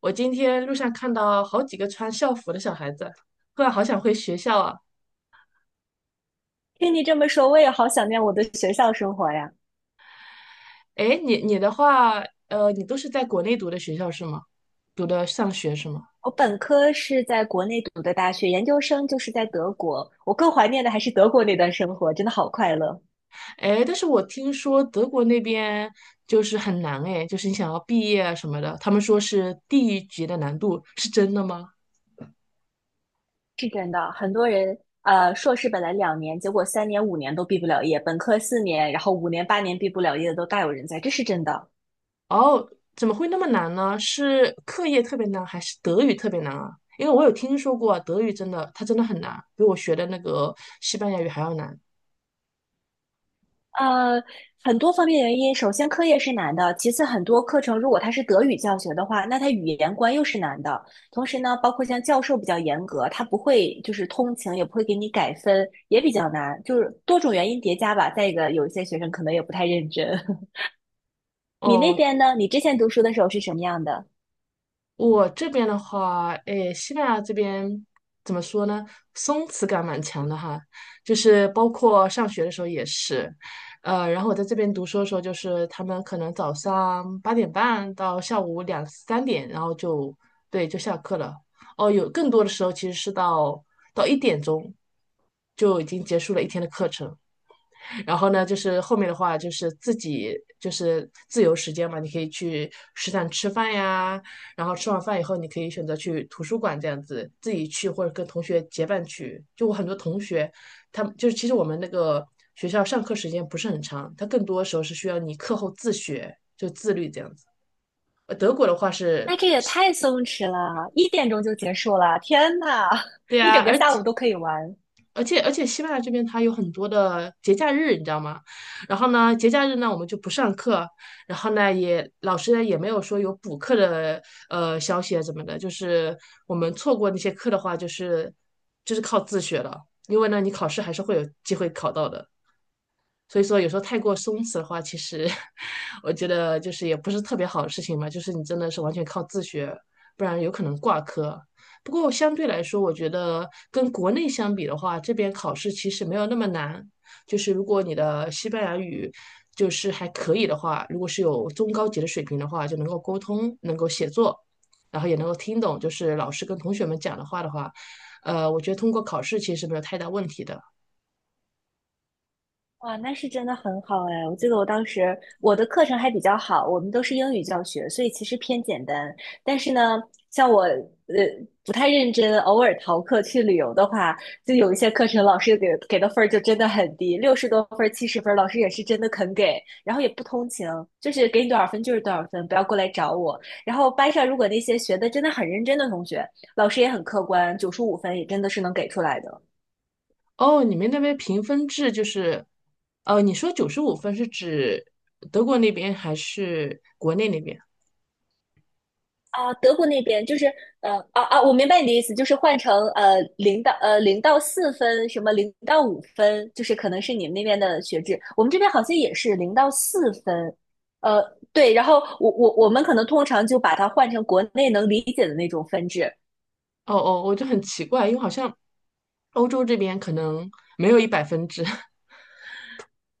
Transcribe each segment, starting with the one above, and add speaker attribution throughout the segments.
Speaker 1: 我今天路上看到好几个穿校服的小孩子，突然好想回学校啊！
Speaker 2: 听你这么说，我也好想念我的学校生活呀。
Speaker 1: 哎，你的话，你都是在国内读的学校是吗？读的上学是吗？
Speaker 2: 我本科是在国内读的大学，研究生就是在德国。我更怀念的还是德国那段生活，真的好快乐。
Speaker 1: 哎，但是我听说德国那边就是很难哎，就是你想要毕业啊什么的，他们说是地狱级的难度，是真的吗？
Speaker 2: 是真的，很多人硕士本来2年，结果3年、五年都毕不了业；本科4年，然后五年、8年毕不了业的都大有人在，这是真的。
Speaker 1: 哦，怎么会那么难呢？是课业特别难，还是德语特别难啊？因为我有听说过啊德语真的，它真的很难，比我学的那个西班牙语还要难。
Speaker 2: 呃，很多方面原因，首先课业是难的，其次很多课程如果它是德语教学的话，那它语言关又是难的。同时呢，包括像教授比较严格，他不会就是通情，也不会给你改分，也比较难，就是多种原因叠加吧。再一个，有一些学生可能也不太认真。你那
Speaker 1: 哦，
Speaker 2: 边呢？你之前读书的时候是什么样的？
Speaker 1: 我这边的话，诶，西班牙这边怎么说呢？松弛感蛮强的哈，就是包括上学的时候也是，然后我在这边读书的时候，就是他们可能早上8:30到下午两三点，然后就对就下课了。哦，有更多的时候其实是到1点钟就已经结束了一天的课程。然后呢，就是后面的话就是自己就是自由时间嘛，你可以去食堂吃饭呀，然后吃完饭以后，你可以选择去图书馆这样子自己去，或者跟同学结伴去。就我很多同学，他们就是其实我们那个学校上课时间不是很长，它更多时候是需要你课后自学，就自律这样子。德国的话是。
Speaker 2: 那这也太松弛了，1点钟就结束了，天呐，
Speaker 1: 对
Speaker 2: 一
Speaker 1: 呀，
Speaker 2: 整个
Speaker 1: 而
Speaker 2: 下午
Speaker 1: 且
Speaker 2: 都可以玩。
Speaker 1: 西班牙这边它有很多的节假日，你知道吗？然后呢，节假日呢我们就不上课，然后呢也老师呢也没有说有补课的消息啊怎么的，就是我们错过那些课的话，就是靠自学了，因为呢你考试还是会有机会考到的。所以说，有时候太过松弛的话，其实 我觉得就是也不是特别好的事情嘛。就是你真的是完全靠自学，不然有可能挂科。不过相对来说，我觉得跟国内相比的话，这边考试其实没有那么难。就是如果你的西班牙语就是还可以的话，如果是有中高级的水平的话，就能够沟通，能够写作，然后也能够听懂，就是老师跟同学们讲的话的话，我觉得通过考试其实没有太大问题的。
Speaker 2: 哇，那是真的很好哎！我记得我当时我的课程还比较好，我们都是英语教学，所以其实偏简单。但是呢，像我不太认真，偶尔逃课去旅游的话，就有一些课程老师给的分儿就真的很低，60多分儿、70分儿，老师也是真的肯给，然后也不通情，就是给你多少分就是多少分，不要过来找我。然后班上如果那些学的真的很认真的同学，老师也很客观，95分也真的是能给出来的。
Speaker 1: 哦，你们那边评分制就是，你说95分是指德国那边还是国内那边？
Speaker 2: 啊，德国那边就是我明白你的意思，就是换成零到四分，什么零到五分，就是可能是你们那边的学制，我们这边好像也是零到四分，呃对，然后我们可能通常就把它换成国内能理解的那种分制，
Speaker 1: 哦哦，我就很奇怪，因为好像欧洲这边可能没有100分制。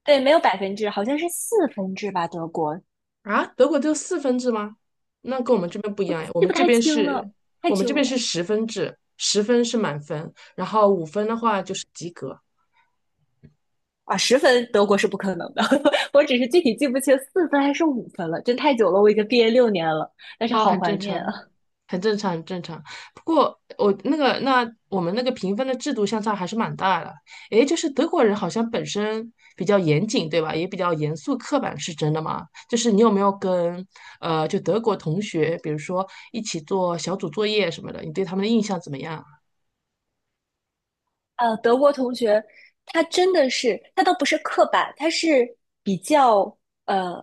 Speaker 2: 对，没有百分制，好像是四分制吧，德国，
Speaker 1: 啊，德国就有4分制吗？那跟我们这边不一
Speaker 2: 我
Speaker 1: 样哎，我
Speaker 2: 记
Speaker 1: 们
Speaker 2: 不
Speaker 1: 这
Speaker 2: 太
Speaker 1: 边
Speaker 2: 清
Speaker 1: 是，
Speaker 2: 了，太
Speaker 1: 我们这
Speaker 2: 久
Speaker 1: 边是
Speaker 2: 了
Speaker 1: 10分制，十分是满分，然后五分的话就是及格。
Speaker 2: 啊，十分德国是不可能的，我只是具体记不清四分还是五分了，真太久了，我已经毕业六年了，但是
Speaker 1: 哦，
Speaker 2: 好
Speaker 1: 很
Speaker 2: 怀
Speaker 1: 正
Speaker 2: 念
Speaker 1: 常，
Speaker 2: 啊。
Speaker 1: 很正常，很正常。不过我们那个评分的制度相差还是蛮大的。诶，就是德国人好像本身比较严谨，对吧？也比较严肃刻板，是真的吗？就是你有没有跟就德国同学，比如说一起做小组作业什么的，你对他们的印象怎么样啊？
Speaker 2: 德国同学，他真的是，他倒不是刻板，他是比较呃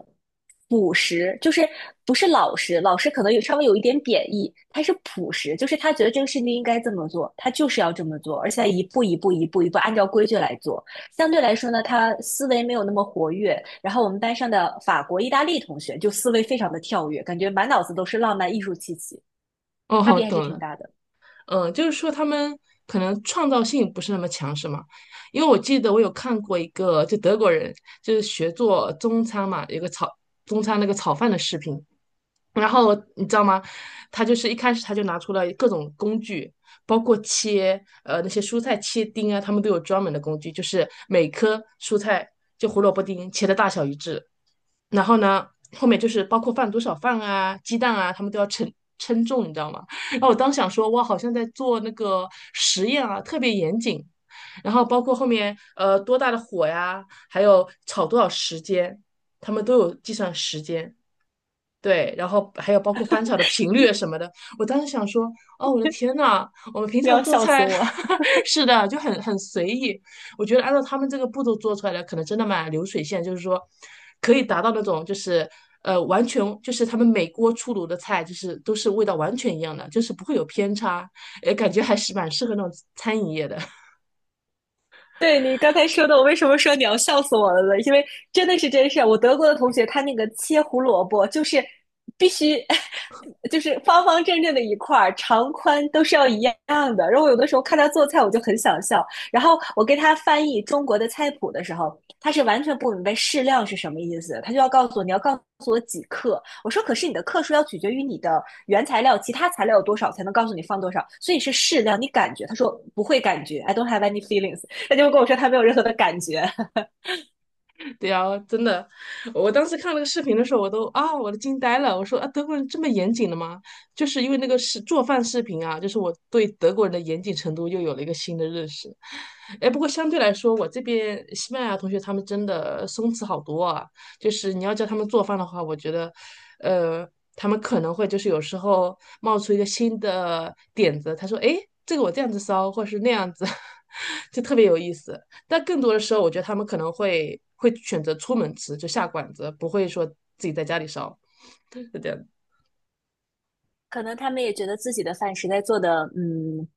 Speaker 2: 朴实，就是不是老实，老实可能有稍微有一点贬义，他是朴实，就是他觉得这个事情应该这么做，他就是要这么做，而且一步一步一步一步按照规矩来做。相对来说呢，他思维没有那么活跃。然后我们班上的法国、意大利同学就思维非常的跳跃，感觉满脑子都是浪漫艺术气息，差
Speaker 1: 哦，
Speaker 2: 别还是
Speaker 1: 懂
Speaker 2: 挺
Speaker 1: 了。
Speaker 2: 大的。
Speaker 1: 嗯，就是说他们可能创造性不是那么强，是吗？因为我记得我有看过一个，就德国人就是学做中餐嘛，有个炒中餐那个炒饭的视频，然后你知道吗？他就是一开始他就拿出了各种工具，包括切那些蔬菜切丁啊，他们都有专门的工具，就是每颗蔬菜就胡萝卜丁切的大小一致，然后呢，后面就是包括放多少饭啊、鸡蛋啊，他们都要称重，你知道吗？然后我当时想说，哇，好像在做那个实验啊，特别严谨。然后包括后面多大的火呀，还有炒多少时间，他们都有计算时间。对，然后还有包括翻炒的频率什么的，我当时想说，哦，我的天呐，我们平
Speaker 2: 你
Speaker 1: 常
Speaker 2: 要
Speaker 1: 做
Speaker 2: 笑死
Speaker 1: 菜，
Speaker 2: 我！
Speaker 1: 是的，就很随意。我觉得按照他们这个步骤做出来的，可能真的蛮流水线，就是说可以达到那种就是完全就是他们每锅出炉的菜，就是都是味道完全一样的，就是不会有偏差，也感觉还是蛮适合那种餐饮业的。
Speaker 2: 对你刚才说的，我为什么说你要笑死我了呢？因为真的是真事儿。我德国的同学，他那个切胡萝卜就是必须，就是方方正正的一块儿，长宽都是要一样的。然后我有的时候看他做菜，我就很想笑。然后我给他翻译中国的菜谱的时候，他是完全不明白适量是什么意思，他就要告诉我你要告诉我几克。我说可是你的克数要取决于你的原材料，其他材料有多少才能告诉你放多少，所以是适量。你感觉？他说不会感觉，I don't have any feelings。他就跟我说他没有任何的感觉。
Speaker 1: 对呀，真的，我当时看那个视频的时候，我都惊呆了。我说啊，德国人这么严谨的吗？就是因为那个是做饭视频啊，就是我对德国人的严谨程度又有了一个新的认识。哎，不过相对来说，我这边西班牙同学他们真的松弛好多啊。就是你要叫他们做饭的话，我觉得，呃，他们可能会就是有时候冒出一个新的点子，他说：“哎，这个我这样子烧，或是那样子，就特别有意思。”但更多的时候，我觉得他们可能会选择出门吃，就下馆子，不会说自己在家里烧，是这样子。
Speaker 2: 可能他们也觉得自己的饭实在做的，嗯，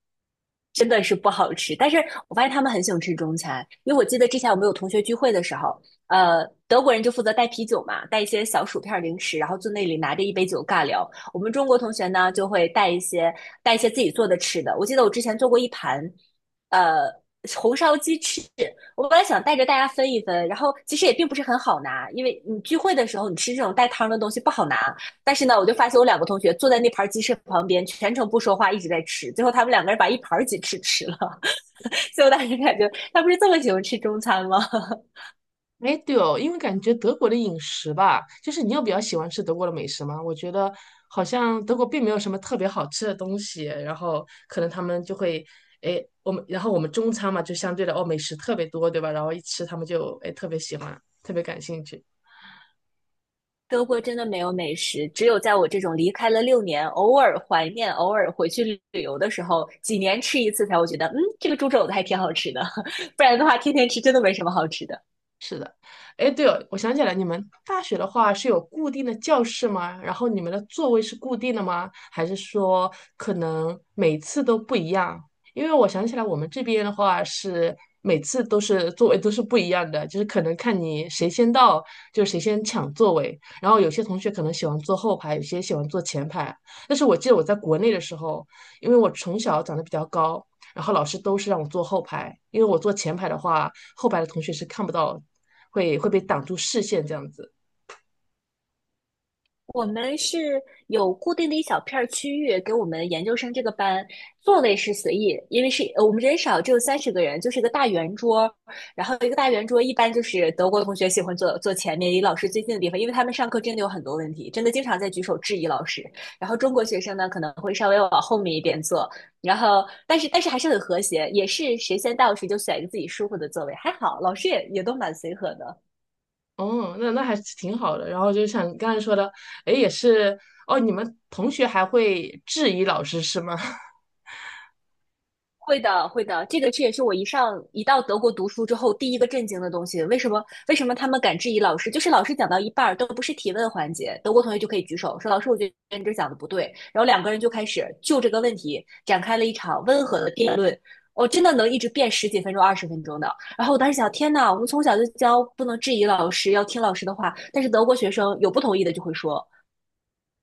Speaker 2: 真的是不好吃。但是我发现他们很喜欢吃中餐，因为我记得之前我们有同学聚会的时候，德国人就负责带啤酒嘛，带一些小薯片零食，然后坐那里拿着一杯酒尬聊。我们中国同学呢，就会带一些自己做的吃的。我记得我之前做过一盘，呃。红烧鸡翅，我本来想带着大家分一分，然后其实也并不是很好拿，因为你聚会的时候你吃这种带汤的东西不好拿，但是呢，我就发现我两个同学坐在那盘鸡翅旁边，全程不说话，一直在吃。最后他们两个人把一盘鸡翅吃了，所以我当时感觉他不是这么喜欢吃中餐吗？
Speaker 1: 哎，对哦，因为感觉德国的饮食吧，就是你有比较喜欢吃德国的美食吗？我觉得好像德国并没有什么特别好吃的东西，然后可能他们就会，哎，我们中餐嘛，就相对的哦，美食特别多，对吧？然后一吃他们就哎特别喜欢，特别感兴趣。
Speaker 2: 德国真的没有美食，只有在我这种离开了六年，偶尔怀念、偶尔回去旅游的时候，几年吃一次才会觉得，嗯，这个猪肘子还挺好吃的。不然的话，天天吃真的没什么好吃的。
Speaker 1: 哎，对哦，我想起来，你们大学的话是有固定的教室吗？然后你们的座位是固定的吗？还是说可能每次都不一样？因为我想起来，我们这边的话是每次都是座位都是不一样的，就是可能看你谁先到，就谁先抢座位。然后有些同学可能喜欢坐后排，有些喜欢坐前排。但是我记得我在国内的时候，因为我从小长得比较高，然后老师都是让我坐后排，因为我坐前排的话，后排的同学是看不到，会被挡住视线这样子。
Speaker 2: 我们是有固定的一小片儿区域给我们研究生这个班，座位是随意，因为是我们人少，只有30个人，就是一个大圆桌，然后一个大圆桌一般就是德国同学喜欢坐前面，离老师最近的地方，因为他们上课真的有很多问题，真的经常在举手质疑老师。然后中国学生呢可能会稍微往后面一点坐，然后但是还是很和谐，也是谁先到谁就选一个自己舒服的座位，还好老师也都蛮随和的。
Speaker 1: 哦，那还是挺好的。然后就像你刚才说的，哎，也是哦，你们同学还会质疑老师是吗？
Speaker 2: 会的，会的，这个这也是我一到德国读书之后第一个震惊的东西。为什么？为什么他们敢质疑老师？就是老师讲到一半儿都不是提问环节，德国同学就可以举手说：“老师，我觉得你这讲的不对。”然后两个人就开始就这个问题展开了一场温和的辩论。我真的能一直辩十几分钟、20分钟的。然后我当时想，天呐，我们从小就教不能质疑老师，要听老师的话。但是德国学生有不同意的就会说：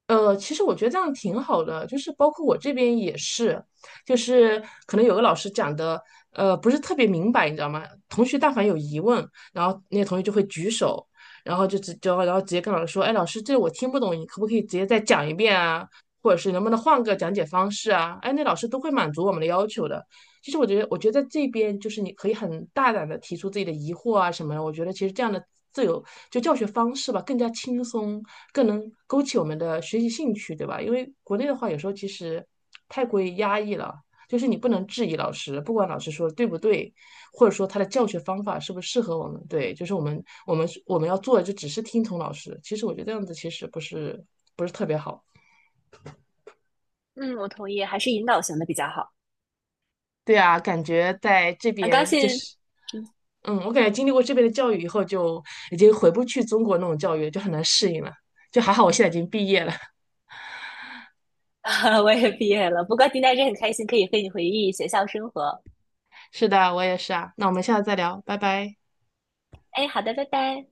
Speaker 1: 其实我觉得这样挺好的，就是包括我这边也是，就是可能有个老师讲的，不是特别明白，你知道吗？同学但凡有疑问，然后那些同学就会举手，然后直接跟老师说，哎，老师，这我听不懂，你可不可以直接再讲一遍啊？或者是能不能换个讲解方式啊？哎，那老师都会满足我们的要求的。其实我觉得在这边就是你可以很大胆的提出自己的疑惑啊什么的。我觉得其实这样的自由就教学方式吧，更加轻松，更能勾起我们的学习兴趣，对吧？因为国内的话，有时候其实太过于压抑了，就是你不能质疑老师，不管老师说对不对，或者说他的教学方法是不是适合我们，对，就是我们要做的就只是听从老师。其实我觉得这样子其实不是特别好。
Speaker 2: “嗯，我同意，还是引导型的比较好。”
Speaker 1: 对啊，感觉在这
Speaker 2: 很高
Speaker 1: 边就
Speaker 2: 兴。
Speaker 1: 是，
Speaker 2: 嗯。
Speaker 1: 嗯，我感觉经历过这边的教育以后，就已经回不去中国那种教育了就很难适应了。就还好我现在已经毕业了。
Speaker 2: 啊，我也毕业了，不过今天还是很开心，可以和你回忆学校生活。
Speaker 1: 是的，我也是啊。那我们下次再聊，拜拜。
Speaker 2: 哎，好的，拜拜。